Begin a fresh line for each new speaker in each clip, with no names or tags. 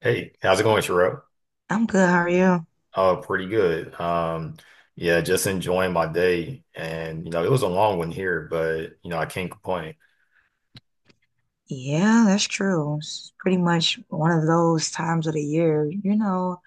Hey, how's it going, Sherelle?
I'm good, how are you?
Oh, pretty good. Yeah, just enjoying my day. And, you know, it was a long one here, but, you know, I can't complain.
Yeah, that's true. It's pretty much one of those times of the year. You know,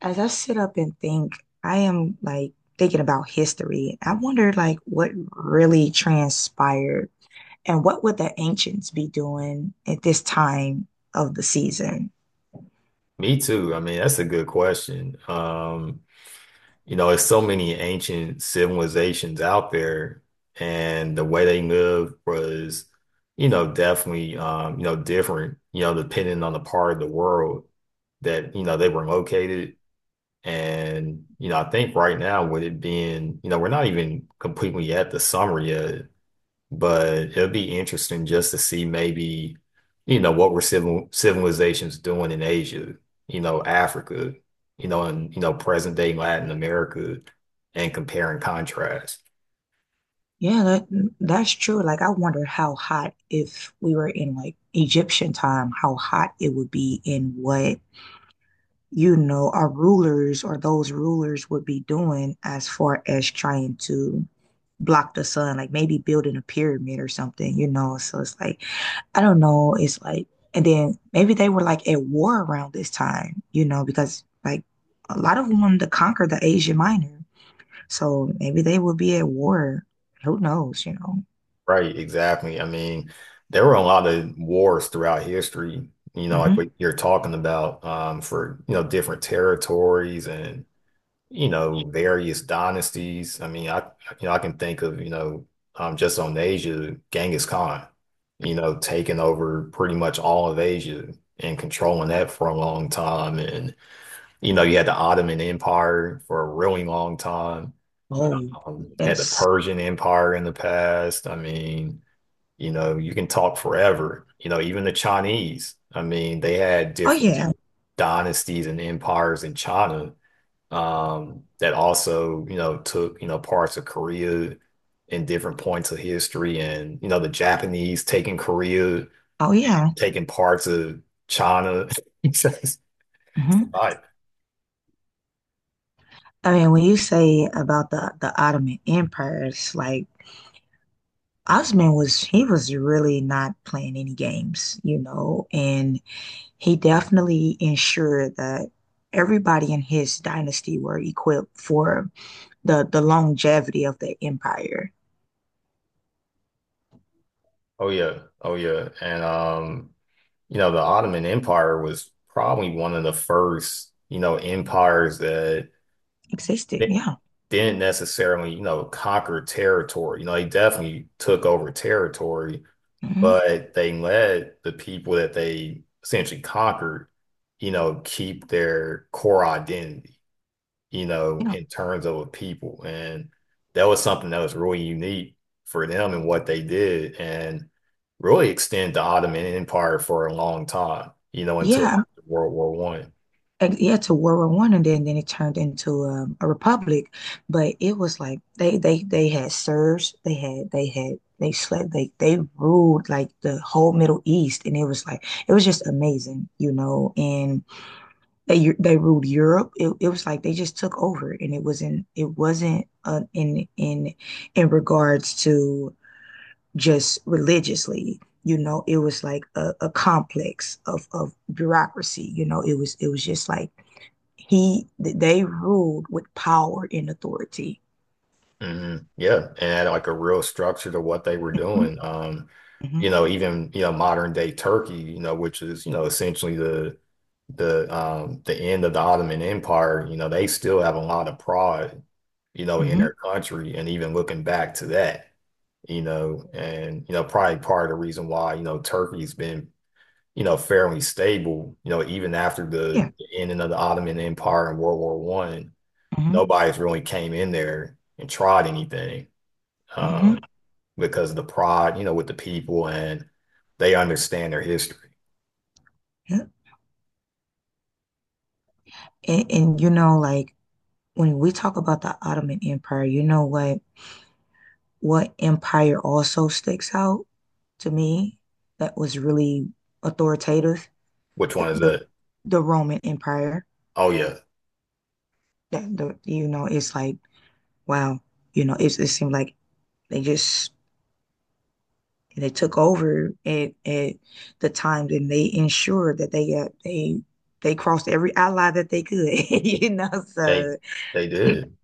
as I sit up and think, I am like thinking about history. I wonder like what really transpired and what would the ancients be doing at this time of the season?
Me too. I mean, that's a good question. You know, there's so many ancient civilizations out there, and the way they lived was, you know, definitely, you know, different, you know, depending on the part of the world that, you know, they were located. And, you know, I think right now with it being, you know, we're not even completely at the summer yet, but it'll be interesting just to see maybe, you know, what were civilizations doing in Asia, you know, Africa, you know, and you know, present day Latin America and compare and contrast.
Yeah, that's true. Like I wonder how hot if we were in like Egyptian time, how hot it would be and what, you know, our rulers or those rulers would be doing as far as trying to block the sun, like maybe building a pyramid or something, you know. So it's like I don't know, it's like and then maybe they were like at war around this time, you know, because like a lot of them wanted to conquer the Asia Minor. So maybe they would be at war. Who knows, you know.
Right, exactly. I mean, there were a lot of wars throughout history, you know, like
Mhm.
what you're talking about, for, you know, different territories and you know, various dynasties. I mean, I you know, I can think of, you know, just on Asia, Genghis Khan, you know, taking over pretty much all of Asia and controlling that for a long time. And, you know, you had the Ottoman Empire for a really long time.
Oh,
Had the
yes.
Persian Empire in the past. I mean, you know, you can talk forever. You know, even the Chinese. I mean, they had
Oh,
different
yeah. So,
dynasties and empires in China that also, you know, took, you know, parts of Korea in different points of history and, you know, the Japanese taking Korea,
oh, yeah.
taking parts of China. It's
Hmm.
a lot.
I mean, when you say about the Ottoman Empire, it's like Osman was he was really not playing any games, you know, and he definitely ensured that everybody in his dynasty were equipped for the longevity of the empire.
Oh yeah. Oh yeah. And you know, the Ottoman Empire was probably one of the first, you know, empires that
Existed.
they
Yeah.
didn't necessarily, you know, conquer territory. You know, they definitely took over territory,
Mhm.
but they let the people that they essentially conquered, you know, keep their core identity, you know,
Yeah.
in terms of a people. And that was something that was really unique for them and what they did and really extend the Ottoman Empire for a long time, you know, until
Yeah. I
after World War One.
yeah to World War One and then it turned into a republic, but it was like they had serfs, they had they slept they ruled like the whole Middle East, and it was like it was just amazing, you know. And they ruled Europe. It was like they just took over, and it wasn't in regards to just religiously, you know. It was like a complex of bureaucracy, you know. It was just like he they ruled with power and authority.
Hmm. Yeah, and had like a real structure to what they were doing. You
Mm-hmm,
know, even you know modern day Turkey, you know, which is you know essentially the the end of the Ottoman Empire. You know, they still have a lot of pride, you know, in
mm-hmm,
their country, and even looking back to that, you know, and you know probably part of the reason why you know Turkey's been you know fairly stable, you know, even after the
yeah,
ending of the Ottoman Empire and World War One,
mm-hmm,
nobody's really came in there and tried anything
mm-hmm,
um, because of the pride, you know, with the people and they understand their history.
yeah. And you know, like when we talk about the Ottoman Empire, you know what empire also sticks out to me that was really authoritative?
Which
The
one is
the,
it?
the Roman Empire.
Oh yeah,
That the you know, it's like wow, you know, it's, it seemed like they just and they took over at the time, and they ensured that they crossed every ally that they could you know
they
so
they did.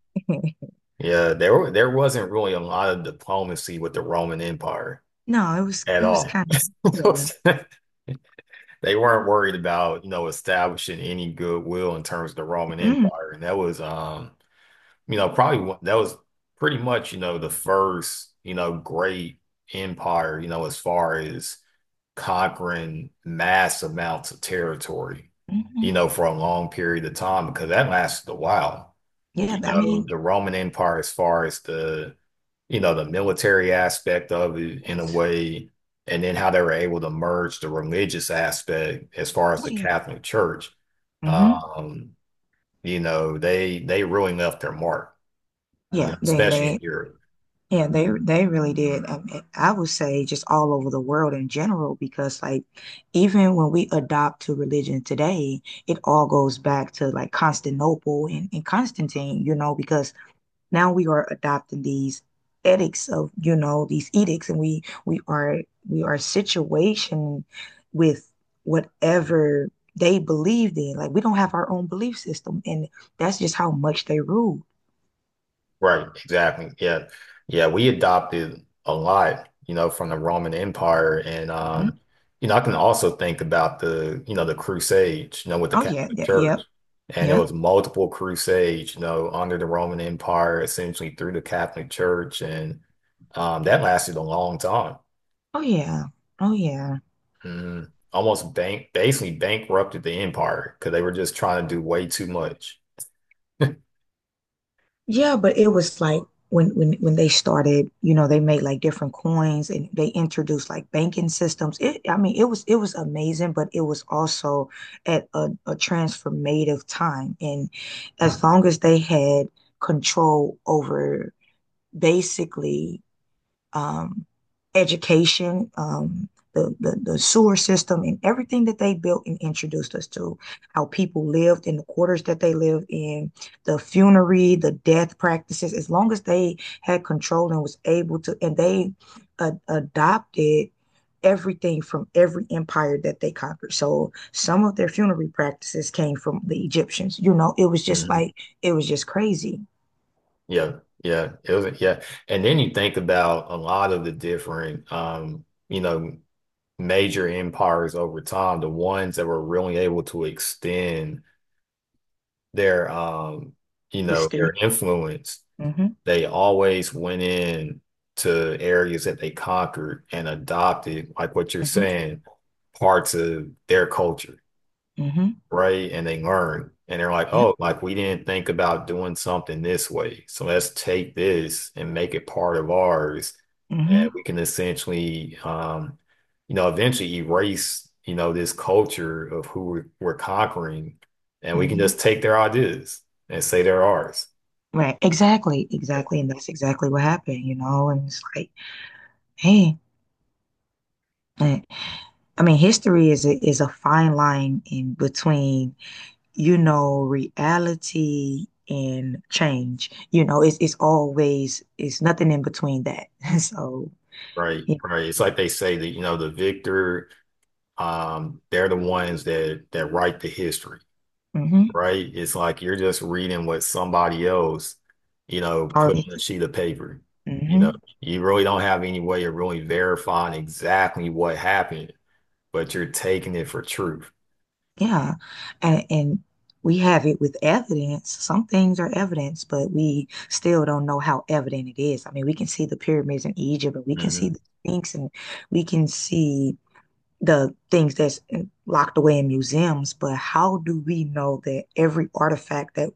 Yeah, there wasn't really a lot of diplomacy with the Roman Empire
no it was
at
it was
all.
kind of
They weren't worried about, you know, establishing any goodwill in terms of the
yeah
Roman
mm,
Empire. And that was you know, that was pretty much, you know, the first, you know, great empire, you know, as far as conquering mass amounts of territory, you
mhm.
know, for a long period of time because that lasted a while.
Yeah,
You
I
know,
mean
the Roman Empire, as far as the, you know, the military aspect of it in a
yes,
way, and then how they were able to merge the religious aspect as far as
oh,
the
yeah.
Catholic Church,
Hmm.
um, you know, they really left their mark, you
Yeah
know, especially
they
in Europe.
yeah they really did. I mean, I would say just all over the world in general, because like even when we adopt to religion today it all goes back to like Constantinople and Constantine, you know, because now we are adopting these ethics of, you know, these edicts and we are we are situation with whatever they believed in. Like we don't have our own belief system, and that's just how much they rule.
Right, exactly. Yeah. Yeah, we adopted a lot, you know, from the Roman Empire and
Mhm.
you know, I can also think about the, you know, the Crusades, you know, with the
Oh yeah,
Catholic
yeah, yeah,
Church. And it
yeah.
was multiple crusades, you know, under the Roman Empire, essentially through the Catholic Church and that lasted a long time.
Oh yeah. Oh yeah.
Mhm. Almost bank basically bankrupted the empire because they were just trying to do way too much.
Yeah, but it was like when they started, you know, they made like different coins and they introduced like banking systems. It, I mean, it was amazing, but it was also at a transformative time. And as long as they had control over basically um, education, the sewer system, and everything that they built and introduced us to, how people lived in the quarters that they lived in, the funerary, the death practices, as long as they had control and was able to, and they adopted everything from every empire that they conquered. So some of their funerary practices came from the Egyptians. You know, it was just like it was just crazy.
Yeah, yeah, it was yeah. And then you think about a lot of the different you know, major empires over time, the ones that were really able to extend their you know,
History.
their influence,
Mm-hmm.
they always went in to areas that they conquered and adopted, like what you're
Mm-hmm.
saying, parts of their culture
Mm-hmm.
right? And they learn and they're like,
Yep.
oh, like we didn't think about doing something this way. So let's take this and make it part of ours. And
Mm-hmm.
we can essentially, you know, eventually erase, you know, this culture of we're conquering. And we can
Mm-hmm.
just take their ideas and say they're ours.
Right. Exactly.
Yeah.
Exactly. And that's exactly what happened, you know? And it's like, hey, eh, I mean, history is is a fine line in between, you know, reality and change. You know, it's always it's nothing in between that. So
Right.
yeah.
Right. It's like they say that, you know, the victor, they're the ones that write the history.
Mm-hmm.
Right? It's like you're just reading what somebody else, you know, put on a sheet of paper. You know,
Mm-hmm.
you really don't have any way of really verifying exactly what happened, but you're taking it for truth.
Yeah. And we have it with evidence. Some things are evidence, but we still don't know how evident it is. I mean, we can see the pyramids in Egypt and we can see
Hmm.
the Sphinx and we can see the things that's locked away in museums, but how do we know that every artifact that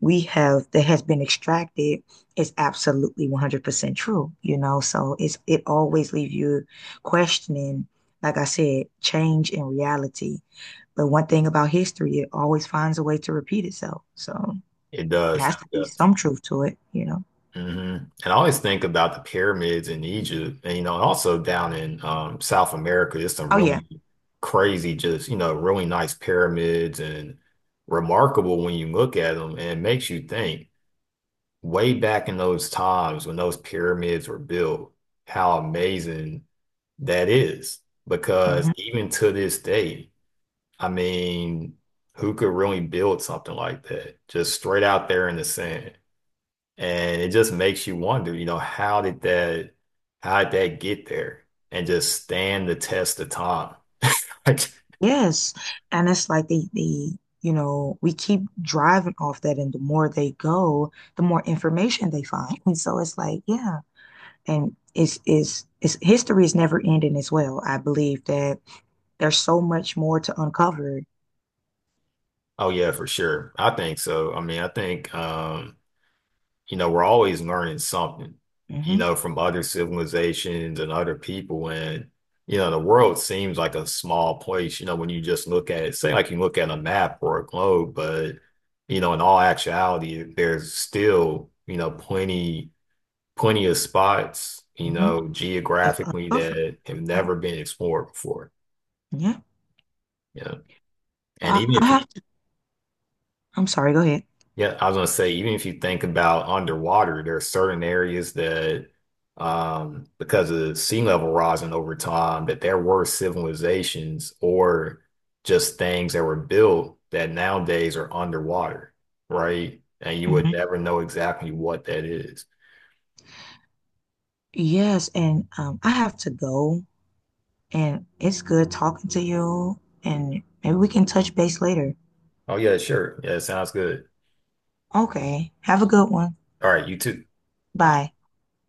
we have that has been extracted is absolutely 100% true, you know? So it's it always leaves you questioning, like I said, change in reality. But one thing about history, it always finds a way to repeat itself. So
It
it
does.
has to
It
be
does.
some truth to it, you know?
Hmm. And I always think about the pyramids in Egypt, and you know, also down in South America, there's some
Oh yeah.
really crazy, just you know, really nice pyramids and remarkable when you look at them, and it makes you think. Way back in those times when those pyramids were built, how amazing that is. Because
Mhm.
even to this day, I mean, who could really build something like that? Just straight out there in the sand. And it just makes you wonder, you know, how did that get there and just stand the test of time? Like,
Yes. And it's like you know, we keep driving off that, and the more they go, the more information they find. And so it's like, yeah. And it's history is never ending as well. I believe that there's so much more to uncover.
oh yeah, for sure. I think so. I mean, I think, you know, we're always learning something, you
Hmm.
know, from other civilizations and other people. And, you know, the world seems like a small place, you know, when you just look at it, say like you look at a map or a globe, but, you know, in all actuality, there's still, you know, plenty of spots, you
Hmm.
know,
That's
geographically
uncovered.
that have never been explored before.
Yeah.
Yeah, and
I,
even
I
if you
have to, I'm sorry, go ahead.
Yeah, I was gonna say, even if you think about underwater, there are certain areas that, because of sea level rising over time, that there were civilizations or just things that were built that nowadays are underwater, right? And you would
Hmm.
never know exactly what that is.
Yes, and I have to go, and it's good talking to you, and maybe we can touch base later.
Oh yeah, sure. Yeah, sounds good.
Okay, have a good one.
All right, you too. Bye.
Bye.